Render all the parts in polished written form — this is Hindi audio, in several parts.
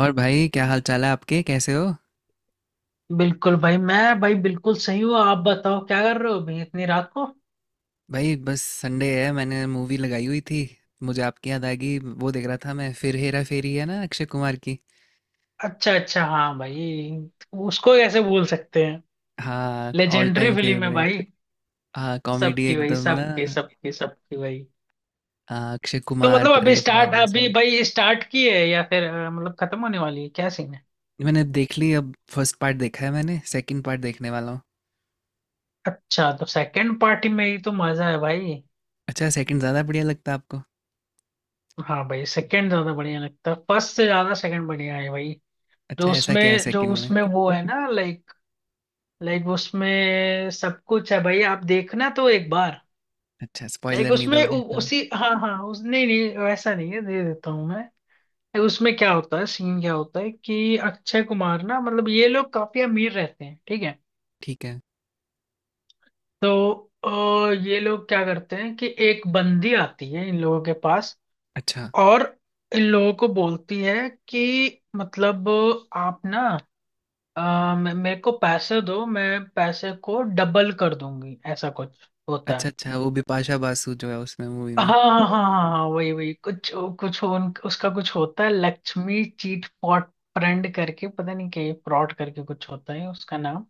और भाई क्या हाल चाल है आपके, कैसे हो। बिल्कुल भाई, मैं भाई बिल्कुल सही हूँ। आप बताओ क्या कर रहे हो भाई इतनी रात को। भाई बस संडे है, मैंने मूवी लगाई हुई थी। मुझे आपकी याद आ गई। वो देख रहा था मैं, फिर हेरा फेरी है ना, अक्षय कुमार की। अच्छा अच्छा, हाँ भाई। उसको कैसे भूल सकते हैं। हाँ, ऑल लेजेंडरी टाइम फिल्म है फेवरेट। भाई। हाँ, कॉमेडी सबकी भाई एकदम ना। सबकी सबकी सबकी भाई। हाँ, अक्षय तो कुमार, मतलब अभी परेश स्टार्ट रावल अभी सब। भाई स्टार्ट की है या फिर मतलब खत्म होने वाली है, क्या सीन है? मैंने देख ली। अब फर्स्ट पार्ट देखा है मैंने, सेकंड पार्ट देखने वाला हूँ। अच्छा, तो सेकंड पार्टी में ही तो मजा है भाई। अच्छा, सेकंड ज़्यादा बढ़िया लगता है आपको? हाँ भाई, सेकंड ज्यादा बढ़िया लगता है, फर्स्ट से ज्यादा सेकंड बढ़िया है भाई। जो अच्छा, ऐसा क्या है उसमें जो सेकंड में? उसमें वो है ना, लाइक। उसमें सब कुछ है भाई, आप देखना तो एक बार। अच्छा, लाइक स्पॉइलर नहीं उसमें दोगे। हाँ, उसी, हाँ हाँ, उस नहीं, नहीं वैसा नहीं है, दे देता हूँ मैं। Like, उसमें क्या होता है, सीन क्या होता है कि अक्षय कुमार ना मतलब ये लोग काफी अमीर रहते हैं, ठीक है। ठीक है। तो ये लोग क्या करते हैं कि एक बंदी आती है इन लोगों के पास। अच्छा और इन लोगों को बोलती है कि मतलब आप ना मेरे को पैसे दो, मैं पैसे को डबल कर दूंगी, ऐसा कुछ होता अच्छा। है। अच्छा, वो बिपाशा बासु जो है उसमें, मूवी हाँ में। हाँ हाँ। हाँ, वही वही कुछ, उसका कुछ होता है, लक्ष्मी चीट फॉट फ्रेंड करके, पता नहीं क्या फ्रॉड करके, कुछ होता है उसका नाम।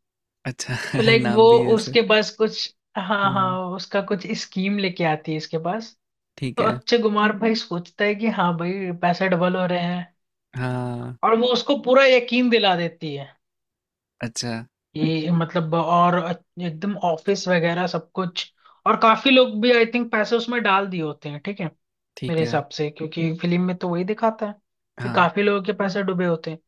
अच्छा तो लाइक वो, नाम भी ऐसे। उसके पास कुछ, हाँ हाँ, हम्म, उसका कुछ स्कीम लेके आती है इसके पास। ठीक तो है। अक्षय कुमार भाई सोचता है कि हाँ भाई पैसे डबल हो रहे हैं, हाँ, और वो उसको पूरा यकीन दिला देती है। अच्छा, ये मतलब, और एकदम ऑफिस वगैरह सब कुछ, और काफी लोग भी आई थिंक पैसे उसमें डाल दिए होते हैं, ठीक है। मेरे ठीक है, हिसाब से, क्योंकि फिल्म में तो वही दिखाता है कि हाँ। काफी लोगों के पैसे डूबे होते हैं।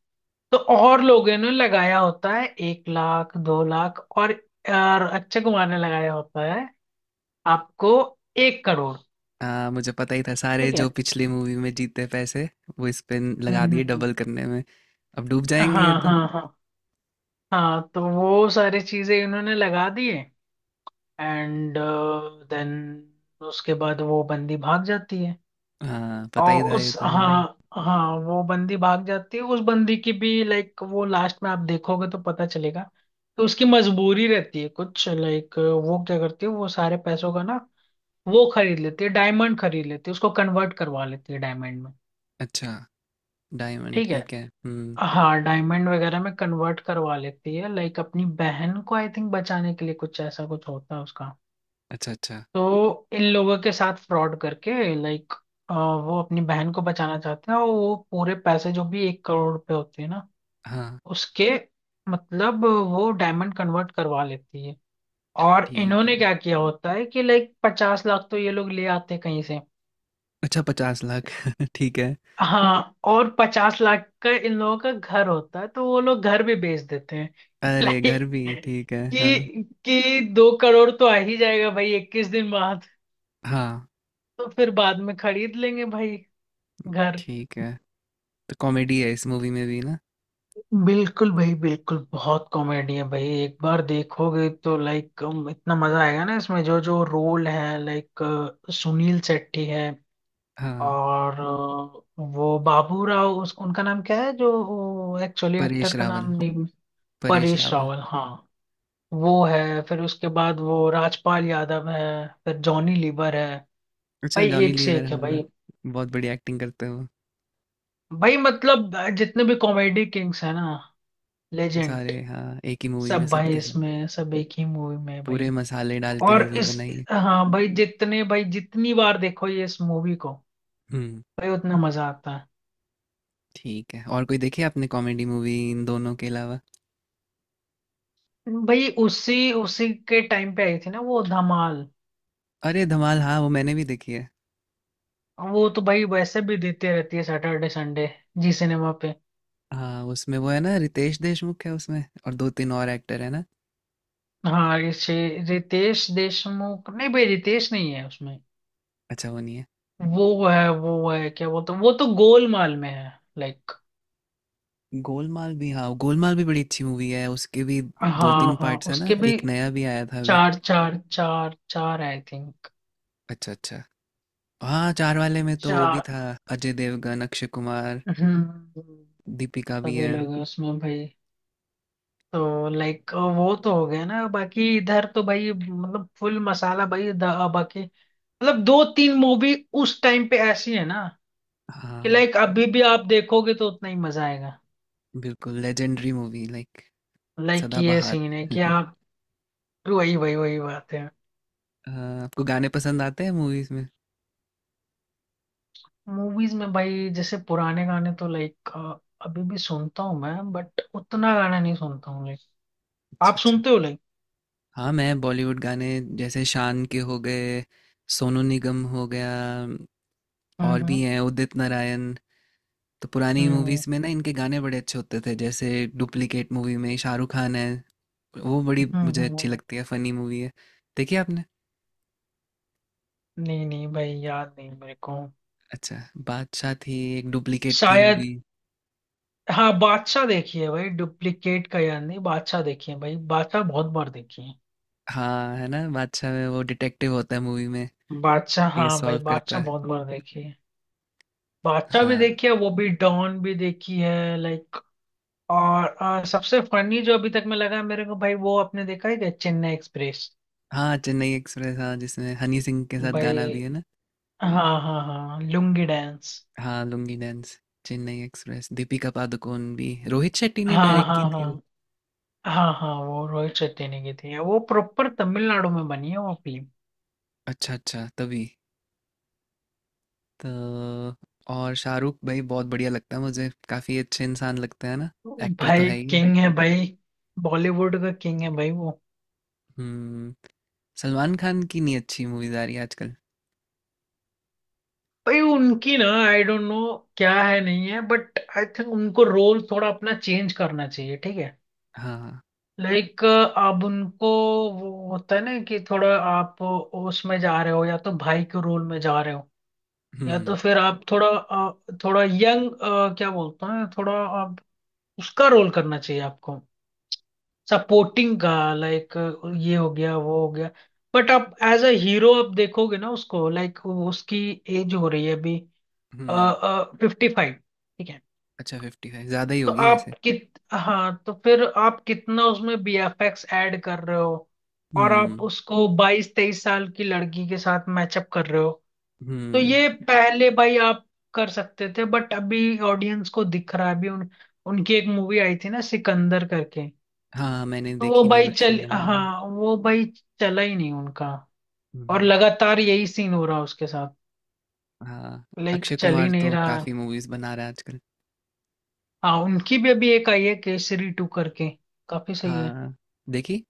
तो और लोगों ने लगाया होता है एक लाख दो लाख, और अक्षय कुमार ने लगाया होता है आपको एक करोड़। मुझे पता ही था, सारे ठीक है। जो पिछली मूवी में जीते पैसे वो इस पे हम्म लगा हम्म, दिए हम्म। डबल करने में। अब डूब जाएंगे ये हाँ तो। हाँ हाँ। हाँ, तो वो सारी चीजें इन्होंने लगा दी है। एंड देन उसके बाद वो बंदी भाग जाती है। हाँ, पता ही और था ये उस, तो, हाँ। हाँ हाँ, वो बंदी भाग जाती है, उस बंदी की भी लाइक वो लास्ट में आप देखोगे तो पता चलेगा। तो उसकी मजबूरी रहती है कुछ, लाइक वो क्या करती है, वो सारे पैसों का ना, वो खरीद लेती है डायमंड, खरीद लेती है, उसको कन्वर्ट करवा लेती है डायमंड में। अच्छा, डायमंड, ठीक है। ठीक है। हम्म। हाँ, डायमंड वगैरह में कन्वर्ट करवा लेती है लाइक अपनी बहन को आई थिंक बचाने के लिए कुछ, ऐसा कुछ होता है उसका। अच्छा अच्छा, तो इन लोगों के साथ फ्रॉड करके लाइक वो अपनी बहन को बचाना चाहते हैं, और वो पूरे पैसे जो भी एक करोड़ रुपए होते हैं ना हाँ, उसके, मतलब वो डायमंड कन्वर्ट करवा लेती है। और ठीक है। इन्होंने क्या किया होता है कि लाइक पचास लाख तो ये लोग ले आते हैं कहीं से। अच्छा, पचास लाख ठीक है। हाँ, और पचास लाख का इन लोगों का घर होता है, तो वो लोग घर भी बेच देते हैं। अरे, घर लाइक भी? ठीक है, हाँ। कि दो करोड़ तो आ ही जाएगा भाई इक्कीस दिन बाद, हाँ, तो फिर बाद में खरीद लेंगे भाई घर। ठीक है। तो कॉमेडी है इस मूवी में भी ना? बिल्कुल भाई, बिल्कुल, बहुत कॉमेडी है भाई, एक बार देखोगे तो लाइक इतना मजा आएगा ना, इसमें जो जो रोल है, लाइक सुनील शेट्टी है। हाँ, और वो बाबू राव, उस उनका नाम क्या है, जो एक्चुअली परेश एक्टर का रावल। नाम नहीं। परेश परेश रावल। रावल, हाँ। वो है, फिर उसके बाद वो राजपाल यादव है, फिर जॉनी लीवर है। अच्छा, भाई जॉनी एक से लीवर, एक है हाँ। भाई। बहुत बड़ी एक्टिंग करते हो। भाई मतलब जितने भी कॉमेडी किंग्स है ना, सारे, लेजेंड, हाँ, एक ही मूवी में सब भाई सबके सब। इसमें, सब एक ही मूवी में है पूरे भाई। मसाले डाल के और मूवी इस, बनाई है। हाँ भाई, जितने भाई जितनी बार देखो ये इस मूवी को हम्म। भाई, उतना मजा आता ठीक है, और कोई देखी है आपने कॉमेडी मूवी इन दोनों के अलावा? है। भाई उसी उसी के टाइम पे आई थी ना वो, धमाल। अरे धमाल, हाँ, वो मैंने भी देखी है। वो तो भाई वैसे भी देते रहती है सैटरडे संडे जी सिनेमा पे। हाँ, उसमें वो है ना, रितेश देशमुख है उसमें और दो तीन और एक्टर है ना। हाँ रितेश देशमुख, नहीं भाई रितेश नहीं है उसमें। अच्छा, वो नहीं है। वो है, वो है क्या बोलते, तो वो तो गोलमाल में है, लाइक। गोलमाल भी, हाँ, गोलमाल भी बड़ी अच्छी मूवी है, उसके भी। हाँ दो तीन हाँ, पार्ट्स है ना, उसके भी। एक नया भी आया था अभी। चार चार चार चार आई थिंक। अच्छा अच्छा। हाँ, चार वाले में तो वो भी चार। था, अजय देवगन, अक्षय कुमार। हम्म। दीपिका भी सभी है। लोग हैं उसमें भाई। तो लाइक वो तो हो गया ना, बाकी इधर तो भाई मतलब फुल मसाला भाई, बाकी मतलब दो तीन मूवी उस टाइम पे ऐसी है ना कि हाँ, लाइक अभी भी आप देखोगे तो उतना ही मजा आएगा। बिल्कुल लेजेंडरी मूवी, लाइक, लाइक ये सीन है सदाबहार। कि आप, वही वही वही बात है। अ, आपको गाने पसंद आते हैं मूवीज में? मूवीज में भाई जैसे पुराने गाने तो लाइक अभी भी सुनता हूँ मैं, बट उतना गाना नहीं सुनता हूँ लाइक अच्छा आप अच्छा। सुनते हो लाइक। हाँ, मैं बॉलीवुड गाने। जैसे शान के हो गए, सोनू निगम हो गया। हम्म और भी हम्म हैं, उदित नारायण। तो पुरानी हम्म मूवीज में ना, इनके गाने बड़े अच्छे होते थे, जैसे डुप्लीकेट मूवी में शाहरुख खान है, वो बड़ी मुझे अच्छी हम्म। लगती है, फनी मूवी है। देखी आपने? नहीं नहीं भाई, याद नहीं मेरे को। अच्छा, बादशाह थी, एक डुप्लीकेट थी शायद। मूवी। हाँ, बादशाह देखी है भाई, डुप्लीकेट का याद नहीं, बादशाह देखी है भाई, बादशाह बहुत बार देखी है। हाँ, है ना, बादशाह में वो डिटेक्टिव होता है मूवी में, बादशाह, ये हाँ भाई, सॉल्व करता बादशाह है। बहुत बार देखी है। बादशाह भी हाँ, देखी है, वो भी, डॉन भी देखी है लाइक। और सबसे फनी जो अभी तक में लगा मेरे को भाई वो, आपने देखा है क्या चेन्नई एक्सप्रेस? हाँ, चेन्नई एक्सप्रेस, हाँ, जिसमें हनी सिंह के साथ भाई, गाना भी है ना। हाँ हाँ हाँ, लुंगी डांस। हाँ, लुंगी डांस। चेन्नई एक्सप्रेस, दीपिका पादुकोण भी, रोहित शेट्टी ने हाँ डायरेक्ट हाँ की थी वो। हाँ। हाँ हाँ, वो रोहित शेट्टी ने की थी वो, प्रॉपर तमिलनाडु में बनी है वो फिल्म। अच्छा अच्छा, तभी। तो और शाहरुख भाई बहुत बढ़िया लगता है मुझे, काफी अच्छे इंसान लगते हैं ना। एक्टर तो भाई है ही। किंग है भाई, बॉलीवुड का किंग है भाई वो। हम्म। सलमान खान की नहीं अच्छी मूवीज आ रही आजकल। भाई उनकी ना, आई डोंट नो क्या है, नहीं है, बट आई थिंक उनको रोल थोड़ा अपना चेंज करना चाहिए ठीक है। हाँ। लाइक अब उनको, वो होता है ना कि थोड़ा आप उसमें जा रहे हो, या तो भाई के रोल में जा रहे हो, या हम्म, तो फिर आप थोड़ा थोड़ा यंग, क्या बोलते हैं, थोड़ा आप उसका रोल करना चाहिए आपको, सपोर्टिंग का लाइक, ये हो गया वो हो गया, बट आप एज अ हीरो आप देखोगे ना उसको, लाइक उसकी एज हो रही है अभी, हम्म। Fifty five. अच्छा, फिफ्टी फाइव ज्यादा ही तो होगी आप वैसे। कित हाँ, तो फिर आप कितना उसमें बीएफएक्स ऐड कर रहे हो, और हम्म। आप उसको बाईस तेईस साल की लड़की के साथ मैचअप कर रहे हो। तो हम्म। ये पहले भाई आप कर सकते थे, बट अभी ऑडियंस को दिख रहा है। अभी उन उनकी एक मूवी आई थी ना सिकंदर करके, हाँ, मैंने तो वो देखी नहीं भाई बट चल सुना है। हाँ वो भाई चला ही नहीं उनका, और हम्म। लगातार यही सीन हो रहा है उसके साथ, हाँ, लाइक अक्षय चल ही कुमार नहीं तो रहा है। काफी मूवीज बना रहा है आजकल। हाँ, उनकी भी अभी एक आई है केसरी टू करके, काफी सही है। हाँ, देखी।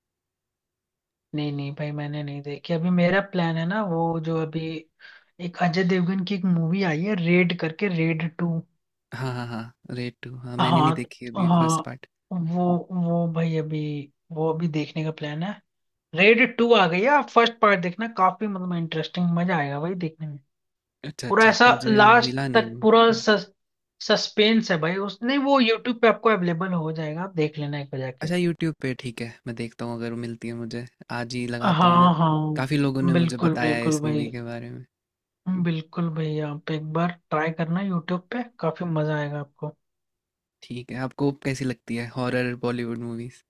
नहीं नहीं भाई, मैंने नहीं देखी अभी। मेरा प्लान है ना वो जो अभी, एक अजय देवगन की एक मूवी आई है रेड करके, रेड टू। हाँ हाँ हाँ, रेड टू, हाँ, मैंने नहीं हाँ देखी अभी हाँ। First part. वो वो भाई अभी वो अभी देखने का प्लान है। रेड टू आ गई है, आप फर्स्ट पार्ट देखना, काफी मतलब इंटरेस्टिंग, मजा आएगा भाई देखने में। अच्छा पूरा अच्छा, ऐसा मुझे लास्ट मिला नहीं तक वो। पूरा सस्पेंस है भाई उसने, वो यूट्यूब पे आपको अवेलेबल हो जाएगा, आप देख लेना एक बार जाके। अच्छा, यूट्यूब पे, ठीक है, मैं देखता हूँ अगर वो मिलती है मुझे। आज ही लगाता हूँ मैं। हाँ काफी लोगों हाँ, ने मुझे बिल्कुल बताया है बिल्कुल इस भाई, मूवी के बारे में। बिल्कुल भाई आप एक बार ट्राई करना यूट्यूब पे, काफी मजा आएगा आपको। ठीक है, आपको कैसी लगती है हॉरर बॉलीवुड मूवीज?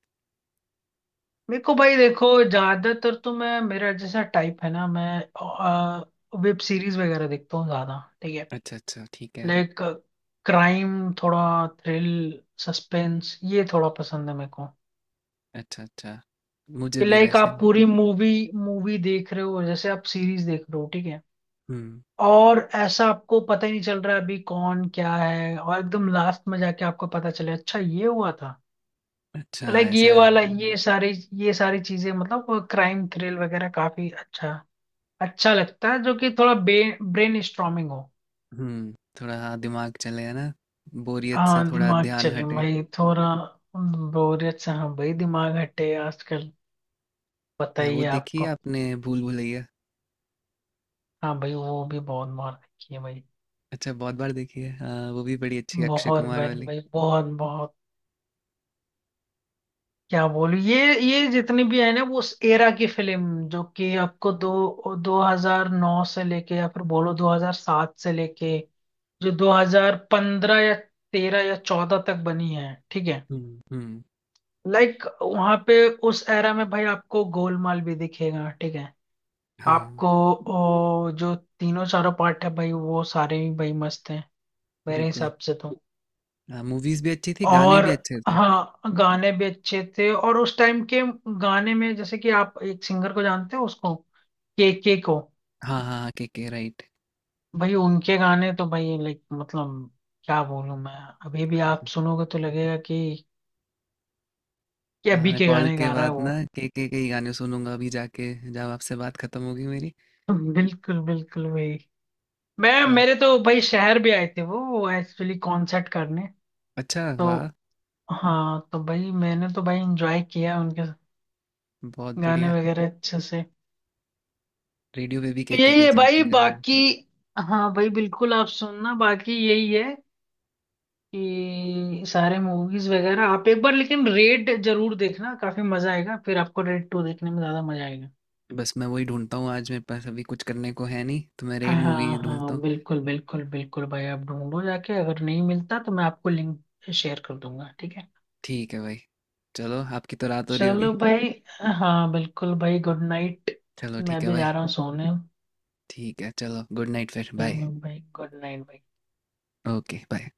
मेरे को भाई देखो, ज्यादातर तो मैं, मेरा जैसा टाइप है ना, मैं वेब सीरीज वगैरह देखता हूँ ज्यादा, ठीक है। अच्छा अच्छा, ठीक है। लाइक क्राइम, थोड़ा थ्रिल, सस्पेंस, ये थोड़ा पसंद है मेरे को। अच्छा अच्छा, मुझे कि भी लाइक वैसे। आप पूरी मूवी मूवी देख रहे हो जैसे आप सीरीज देख रहे हो ठीक है। हम्म। और ऐसा आपको पता ही नहीं चल रहा है अभी कौन क्या है, और एकदम लास्ट में जाके आपको पता चले अच्छा ये हुआ था। अच्छा, लाइक ये ऐसा है। वाला, ये सारी चीजें, मतलब क्राइम थ्रिल वगैरह काफी अच्छा, अच्छा लगता है, जो कि थोड़ा ब्रेन स्ट्रॉमिंग हो। हुँ, थोड़ा, हाँ, दिमाग चले, है ना? बोरियत से हाँ थोड़ा दिमाग ध्यान चले हटे। भाई थोड़ा, बोरियत से, हाँ भाई दिमाग हटे आजकल, पता या ही वो है देखी है आपको। आपने, भूल भुलैया? हाँ भाई वो भी बहुत मार रखी है भाई। अच्छा, बहुत बार देखी है। हाँ, वो भी बड़ी अच्छी है, अक्षय बहुत कुमार भाई वाली। भाई बहुत बहुत क्या बोलूं, ये जितनी भी है ना वो उस एरा की फिल्म, जो कि आपको दो 2009 से लेके, या फिर बोलो 2007 से लेके जो 2015 या 13 या 14 तक बनी है, ठीक है। हुँ, हुँ। लाइक वहां पे उस एरा में भाई आपको गोलमाल भी दिखेगा, ठीक है। हाँ, आपको, जो तीनों चारों पार्ट है भाई वो सारे ही भाई मस्त हैं मेरे बिल्कुल। हिसाब से तो। मूवीज़ भी अच्छी थी, गाने और, भी अच्छे थे। हाँ गाने भी अच्छे थे, और उस टाइम के गाने में जैसे कि आप एक सिंगर को जानते हो उसको, के को। हाँ, हाँ, हाँ, केके, राइट। भाई उनके गाने तो भाई लाइक मतलब, क्या बोलूं मैं, अभी भी आप सुनोगे तो लगेगा कि अभी मैं के कॉल गाने के गा रहा है बाद वो। ना केके के ही गाने सुनूँगा अभी जाके, जब आपसे बात खत्म होगी मेरी। बिल्कुल बिल्कुल वही, मैं तो आप। मेरे तो भाई शहर भी आए थे वो एक्चुअली कॉन्सर्ट करने अच्छा, तो, वाह! हाँ तो भाई मैंने तो भाई एंजॉय किया उनके बहुत गाने बढ़िया। वगैरह अच्छे से। रेडियो पे भी तो केके के यही के है चलते भाई हैं गाने। बाकी, हाँ भाई बिल्कुल आप सुनना, बाकी यही है कि सारे मूवीज वगैरह आप एक बार, लेकिन रेड जरूर देखना काफी मजा आएगा, फिर आपको रेड टू देखने में ज्यादा मजा आएगा। बस मैं वही ढूंढता हूँ। आज मेरे पास अभी कुछ करने को है नहीं, तो मैं रेड मूवी हाँ ढूंढता हाँ, हूँ। बिल्कुल बिल्कुल बिल्कुल भाई, आप ढूंढो जाके, अगर नहीं मिलता तो मैं आपको लिंक शेयर कर दूंगा, ठीक है। ठीक है भाई। चलो, आपकी तो रात हो रही होगी। चलो भाई, हाँ बिल्कुल भाई गुड नाइट, चलो, मैं ठीक है भी जा रहा भाई। हूँ सोने। ठीक है, चलो, गुड नाइट, फिर बाय। चलो भाई, गुड नाइट भाई। Okay, bye.